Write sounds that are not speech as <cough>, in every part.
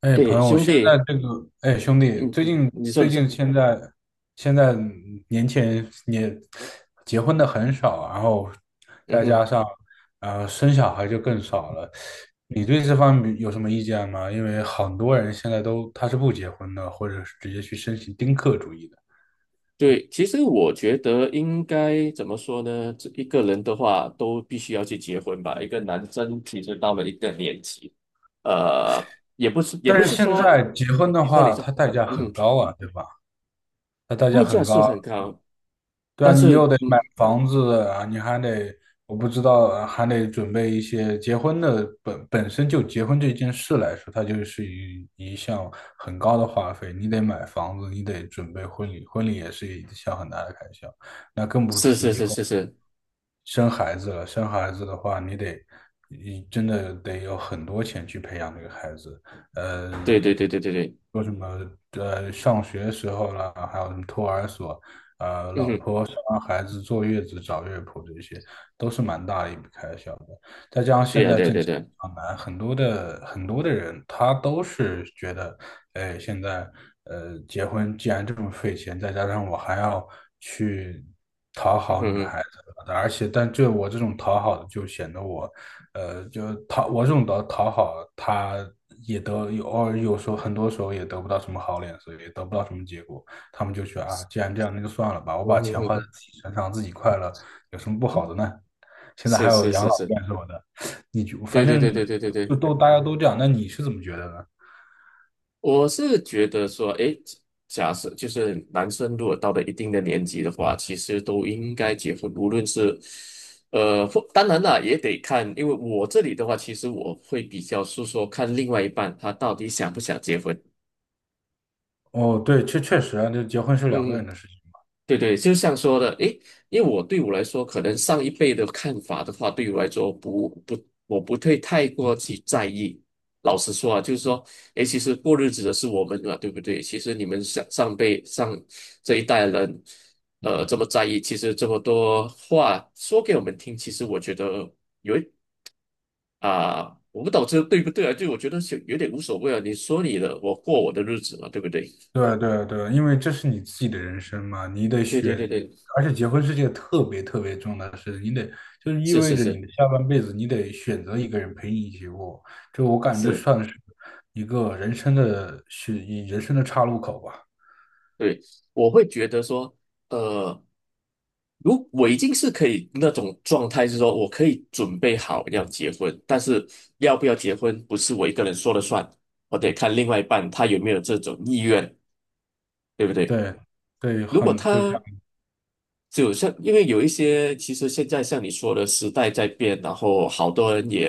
哎，朋诶，友，兄现在弟。这个，哎，兄弟，最嗯近你说，最你说，近现在年轻人也结婚的很少，然后嗯再哼。加上生小孩就更少了。你对这方面有什么意见吗？因为很多人现在都他是不结婚的，或者是直接去申请丁克主义的。对，其实我觉得应该怎么说呢？这一个人的话，都必须要去结婚吧。一个男生其实到了一个年纪，呃，也但不是是现说，在结婚你的你说，你话，说，它代价嗯很哼。高啊，对吧？它代价代价很是高，很高。对啊，但你是，又得买嗯，房子啊，你还得，我不知道啊，还得准备一些结婚的本身就结婚这件事来说，它就是一项很高的花费。你得买房子，你得准备婚礼，婚礼也是一项很大的开销，那更不是是提以是后。是是，生孩子了，生孩子的话，你得，你真的得有很多钱去培养这个孩子。呃，对对对对对对，说什么上学时候啦，还有什么托儿所，嗯老哼，婆生完孩子坐月子找月婆这些，都是蛮大的一笔开销的。再加上对现呀、在对呀、挣对呀、钱对比呀，较难，很多的人他都是觉得，哎，现在结婚既然这么费钱，再加上我还要去。讨嗯哼好嗯女孩哼，而且，但这我这种讨好的就显得我，我这种的讨好，他也得有偶尔有时候很多时候也得不到什么好脸色，也得不到什么结果。他们就觉得啊，既然这样，那就算了吧，我嗯把哼钱嗯花在哼自己身上，自己快乐，有什么不嗯好哼，的呢？现在还是有是养是老是，院什么的，你就对反对正对对对对对。大家都这样。那你是怎么觉得呢？我是觉得说，诶，假设就是男生如果到了一定的年纪的话，其实都应该结婚，无论是，或当然啦，也得看，因为我这里的话，其实我会比较是说看另外一半他到底想不想结婚。哦，对，确实啊，这结婚是两个嗯。人的事情。对对，就像说的，诶，因为对我来说，可能上一辈的看法的话，对我来说不，我不会太过去在意。老实说啊，就是说，诶，其实过日子的是我们嘛，对不对？其实你们上上辈上这一代人，这么在意，其实这么多话说给我们听，其实我觉得有一啊，我不懂这对不对啊？就我觉得是有点无所谓啊，你说你的，我过我的日子嘛，对不对？对对对，因为这是你自己的人生嘛，你得对对选，对对，而且结婚是件特别特别重要的事情，你得就是意是味是着你是的下半辈子你得选择一个人陪你一起过，就我感觉就是。算是一人生的岔路口吧。对，我会觉得说，呃，如我已经是可以那种状态，是说我可以准备好要结婚，但是要不要结婚不是我一个人说了算，我得看另外一半他有没有这种意愿，对不对？对对，如果很就像他就像，因为有一些，其实现在像你说的，时代在变，然后好多人也，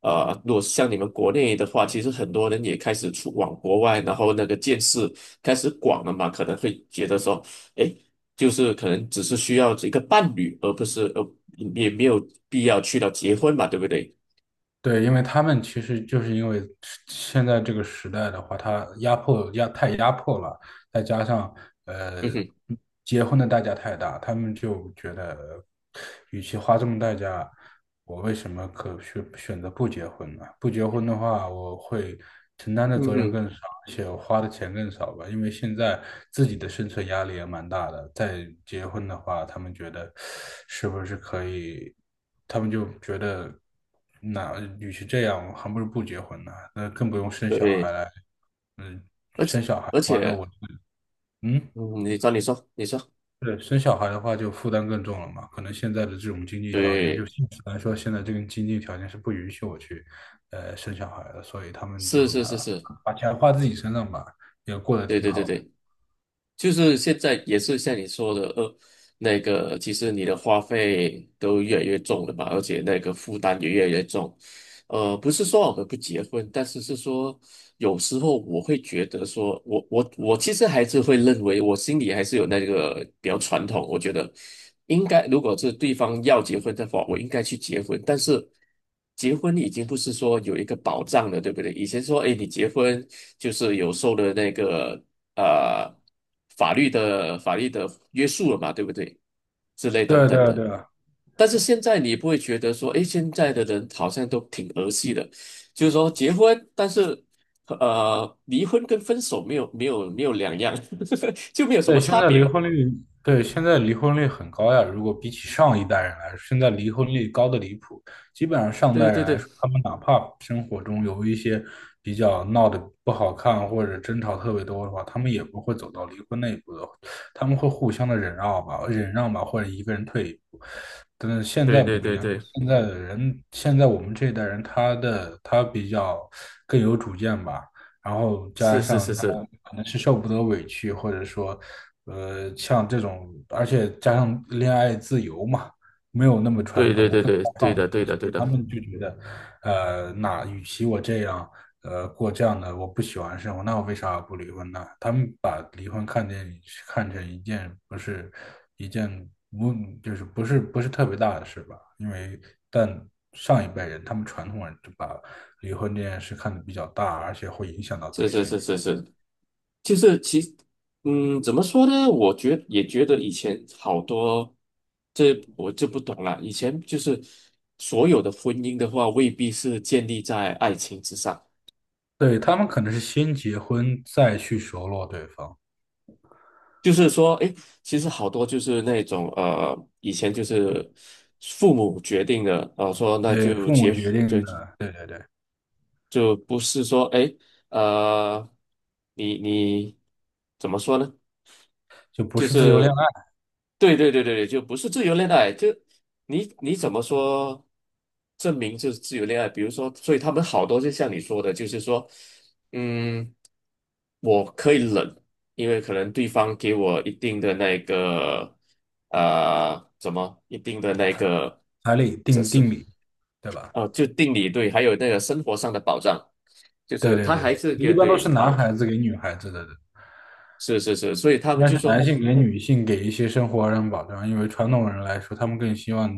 如果像你们国内的话，其实很多人也开始出往国外，然后那个见识开始广了嘛，可能会觉得说，诶，就是可能只是需要一个伴侣，而不是也没有必要去到结婚嘛，对不对？对，因为他们其实就是因为现在这个时代的话，他压迫压太压迫了，再加上呃嗯哼，结婚的代价太大，他们就觉得，与其花这么代价，我为什么选择不结婚呢？不结婚的话，我会承担的嗯责任哼。更少，而且我花的钱更少吧。因为现在自己的生存压力也蛮大的，再结婚的话，他们觉得是不是可以？他们就觉得，那与其这样，我还不如不结婚呢。那更不用生小孩对，来，嗯，而且生小孩的而话，那且，我嗯，嗯，你说，对，生小孩的话就负担更重了嘛。可能现在的这种经济条件，就对，现实来说，现在这个经济条件是不允许我去，生小孩的，所以他们是就是拿是是，把钱花自己身上吧，也过得对挺对对好的。对。就是现在也是像你说的，那个其实你的花费都越来越重了嘛，而且那个负担也越来越重。不是说我们不结婚，但是是说有时候我会觉得说，我其实还是会认为，我心里还是有那个比较传统，我觉得应该如果是对方要结婚的话，我应该去结婚。但是结婚已经不是说有一个保障了，对不对？以前说，哎，你结婚就是有受的那个。呃法律的约束了嘛，对不对？之类等对等对的。对，但是现在你不会觉得说，诶，现在的人好像都挺儿戏的，就是说结婚，但是离婚跟分手没有两样，<laughs> 就没有什么对，现差在离别。婚率，对，现在离婚率很高呀。如果比起上一代人来说，现在离婚率高的离谱。基本上上代对人对来对说，他们哪怕生活中有一些比较闹得不好看或者争吵特别多的话，他们也不会走到离婚那一步的，他们会互相的忍让吧，忍让吧，或者一个人退一步。但是现对在对不一对样，对，现在的人，现在我们这一代人，他比较更有主见吧。然后加是是上是他是，可能是受不得委屈，或者说，像这种，而且加上恋爱自由嘛，没有那么传对对统，对更开对对放的对一些的所对以他的。们就觉得，那与其我这样，过这样的我不喜欢的生活，那我为啥不离婚呢？他们把离婚看成一件不是一件不就是不是特别大的事吧，因为但上一辈人他们传统人就把离婚这件事看得比较大，而且会影响到自是己是生是育。是是。就是其实怎么说呢？也觉得以前好多，这我就不懂了。以前就是所有的婚姻的话，未必是建立在爱情之上。对，他们可能是先结婚再去熟络对方，就是说，诶，其实好多就是那种以前就是父母决定的，说那对，就父母结决就定的，对对对，就不是说，诶，呃，你怎么说呢？就不就是自由是恋爱，对对对对对，就不是自由恋爱，就你怎么说证明就是自由恋爱？比如说，所以他们好多就像你说的，就是说，嗯，我可以忍，因为可能对方给我一定的那个怎么一定的那个，彩礼这是定礼，对吧？啊就定理对，还有那个生活上的保障，就对是对他对，还是一给般都对是男保，孩子给女孩子的是是是，所以他们但就是说，男性给女性给一些生活上保障，因为传统人来说，他们更希望，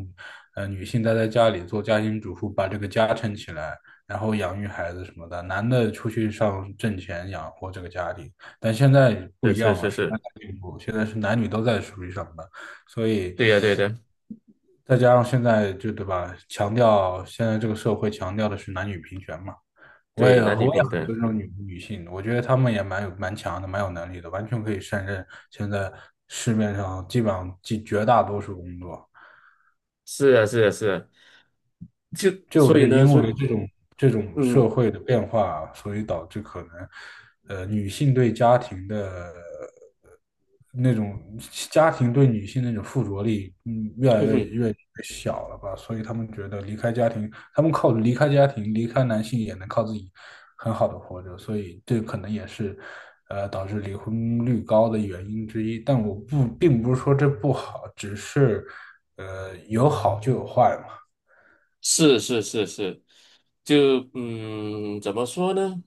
女性待在家里做家庭主妇，把这个家撑起来，然后养育孩子什么的，男的出去上挣钱养活这个家庭。但现在不是一是样了，是时代是，在进步，现在是男女都在出去上班，所以对呀、对的、再加上现在就对吧，强调现在这个社会强调的是男女平权嘛。对，男我女也平很等，尊重女性，我觉得她们也蛮强的，蛮有能力的，完全可以胜任现在市面上基本上绝大多数工作。是啊，是啊，是啊，就就是因所为以，这种社嗯会的变化啊，所以导致可能，女性对家庭的呃那种家庭对女性那种附着力，越来嗯哼，越小了吧？所以他们觉得离开家庭，他们靠离开家庭，离开男性也能靠自己很好的活着，所以这可能也是。导致离婚率高的原因之一，但我不，并不是说这不好，只是，有好就有坏嘛。是是是是。就怎么说呢？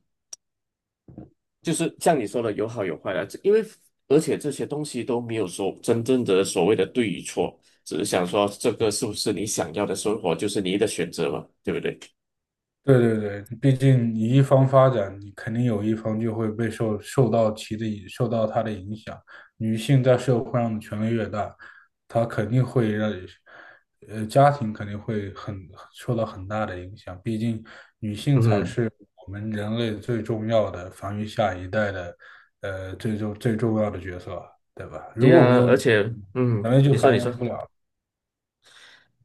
就是像你说的，有好有坏啦，这因为而且这些东西都没有说真正的所谓的对与错，只是想说这个是不是你想要的生活，就是你的选择嘛，对不对？对对对，毕竟你一方发展，你肯定有一方就会受到它的影响。女性在社会上的权力越大，她肯定会让，家庭肯定会很受到很大的影响。毕竟女性才嗯，是我们人类最重要的繁育下一代的，最重要的角色，对吧？如对果没啊，有女而且，性，人类就你说，你繁衍说。不了，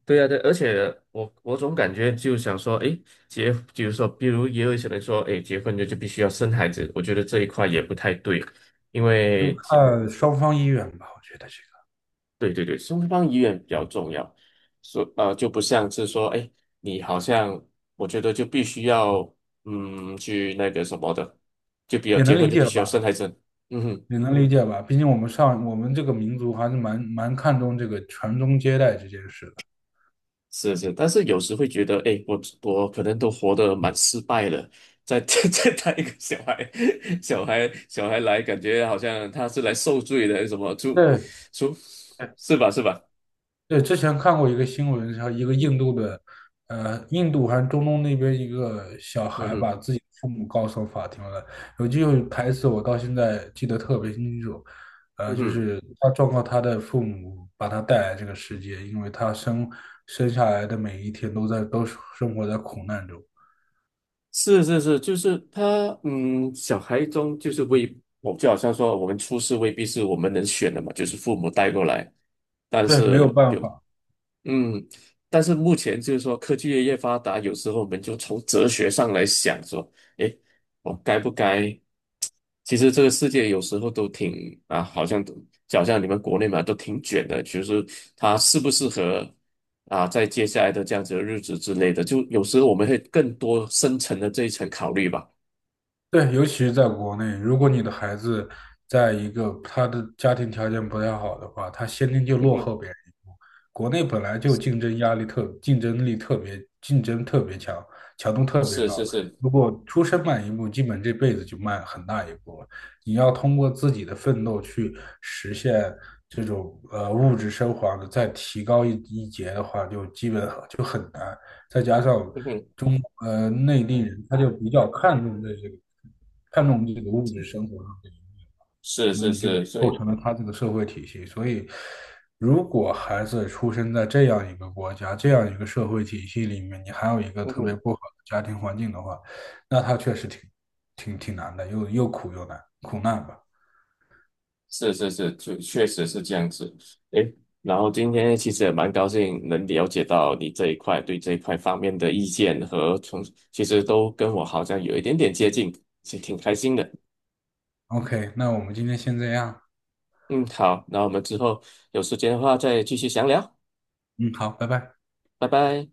对呀，对，而且我总感觉就想说，诶，比如说，比如也有一些人说，诶，结婚就必须要生孩子，我觉得这一块也不太对，因就为结，看双方意愿吧。我觉得这个对对对，双方意愿比较重要，所就不像是说，诶，你好像我觉得就必须要去那个什么的，就比较也结能婚理就必解须要生吧。孩子，嗯哼。你能理解吧，毕竟我们这个民族还是蛮看重这个传宗接代这件事的。是是，但是有时会觉得，哎，我可能都活得蛮失败了，再 <laughs> 再带一个小孩，<laughs> 小孩来，感觉好像他是来受罪的，什么出对出对，是吧是吧？对，之前看过一个新闻，是一个印度的，印度还是中东那边一个小嗯孩哼，把自己的父母告上法庭了。有句台词我到现在记得特别清楚，嗯就哼，是他状告他的父母把他带来这个世界，因为他生下来的每一天都生活在苦难中。是是是，就是他，小孩中就是未，我就好像说我们出世未必是我们能选的嘛，就是父母带过来，但对，是没有办有法。嗯，但是目前就是说科技越发达，有时候我们就从哲学上来想说，诶，我该不该？其实这个世界有时候都挺啊，好像都就好像你们国内嘛，都挺卷的，就是它适不适合啊，在接下来的这样子的日子之类的，就有时候我们会更多深层的这一层考虑吧。对，尤其是在国内，如果你的孩子在一个他的家庭条件不太好的话，他先天 <laughs> 就嗯落哼，后别人一步。国内本来就竞争特别强，强度特别是是高。是，如果出生慢一步，基本这辈子就慢很大一步了。你要通过自己的奋斗去实现这种物质生活的再提高一截的话，就基本就很难。再加上嗯哼，中内地人，他就比较看重这个，看重这个物质生活上的一面，是所是以就是，所构以成了他这个社会体系。所以，如果孩子出生在这样一个国家、这样一个社会体系里面，你还有一个嗯特别哼。不好的家庭环境的话，那他确实挺难的，又苦又难，苦难吧。是是是，确实是这样子。诶，然后今天其实也蛮高兴能了解到你这一块对这一块方面的意见和从，其实都跟我好像有一点点接近，是挺开心的。OK，那我们今天先这样。嗯，好，那我们之后有时间的话再继续详聊，嗯，好，拜拜。拜拜。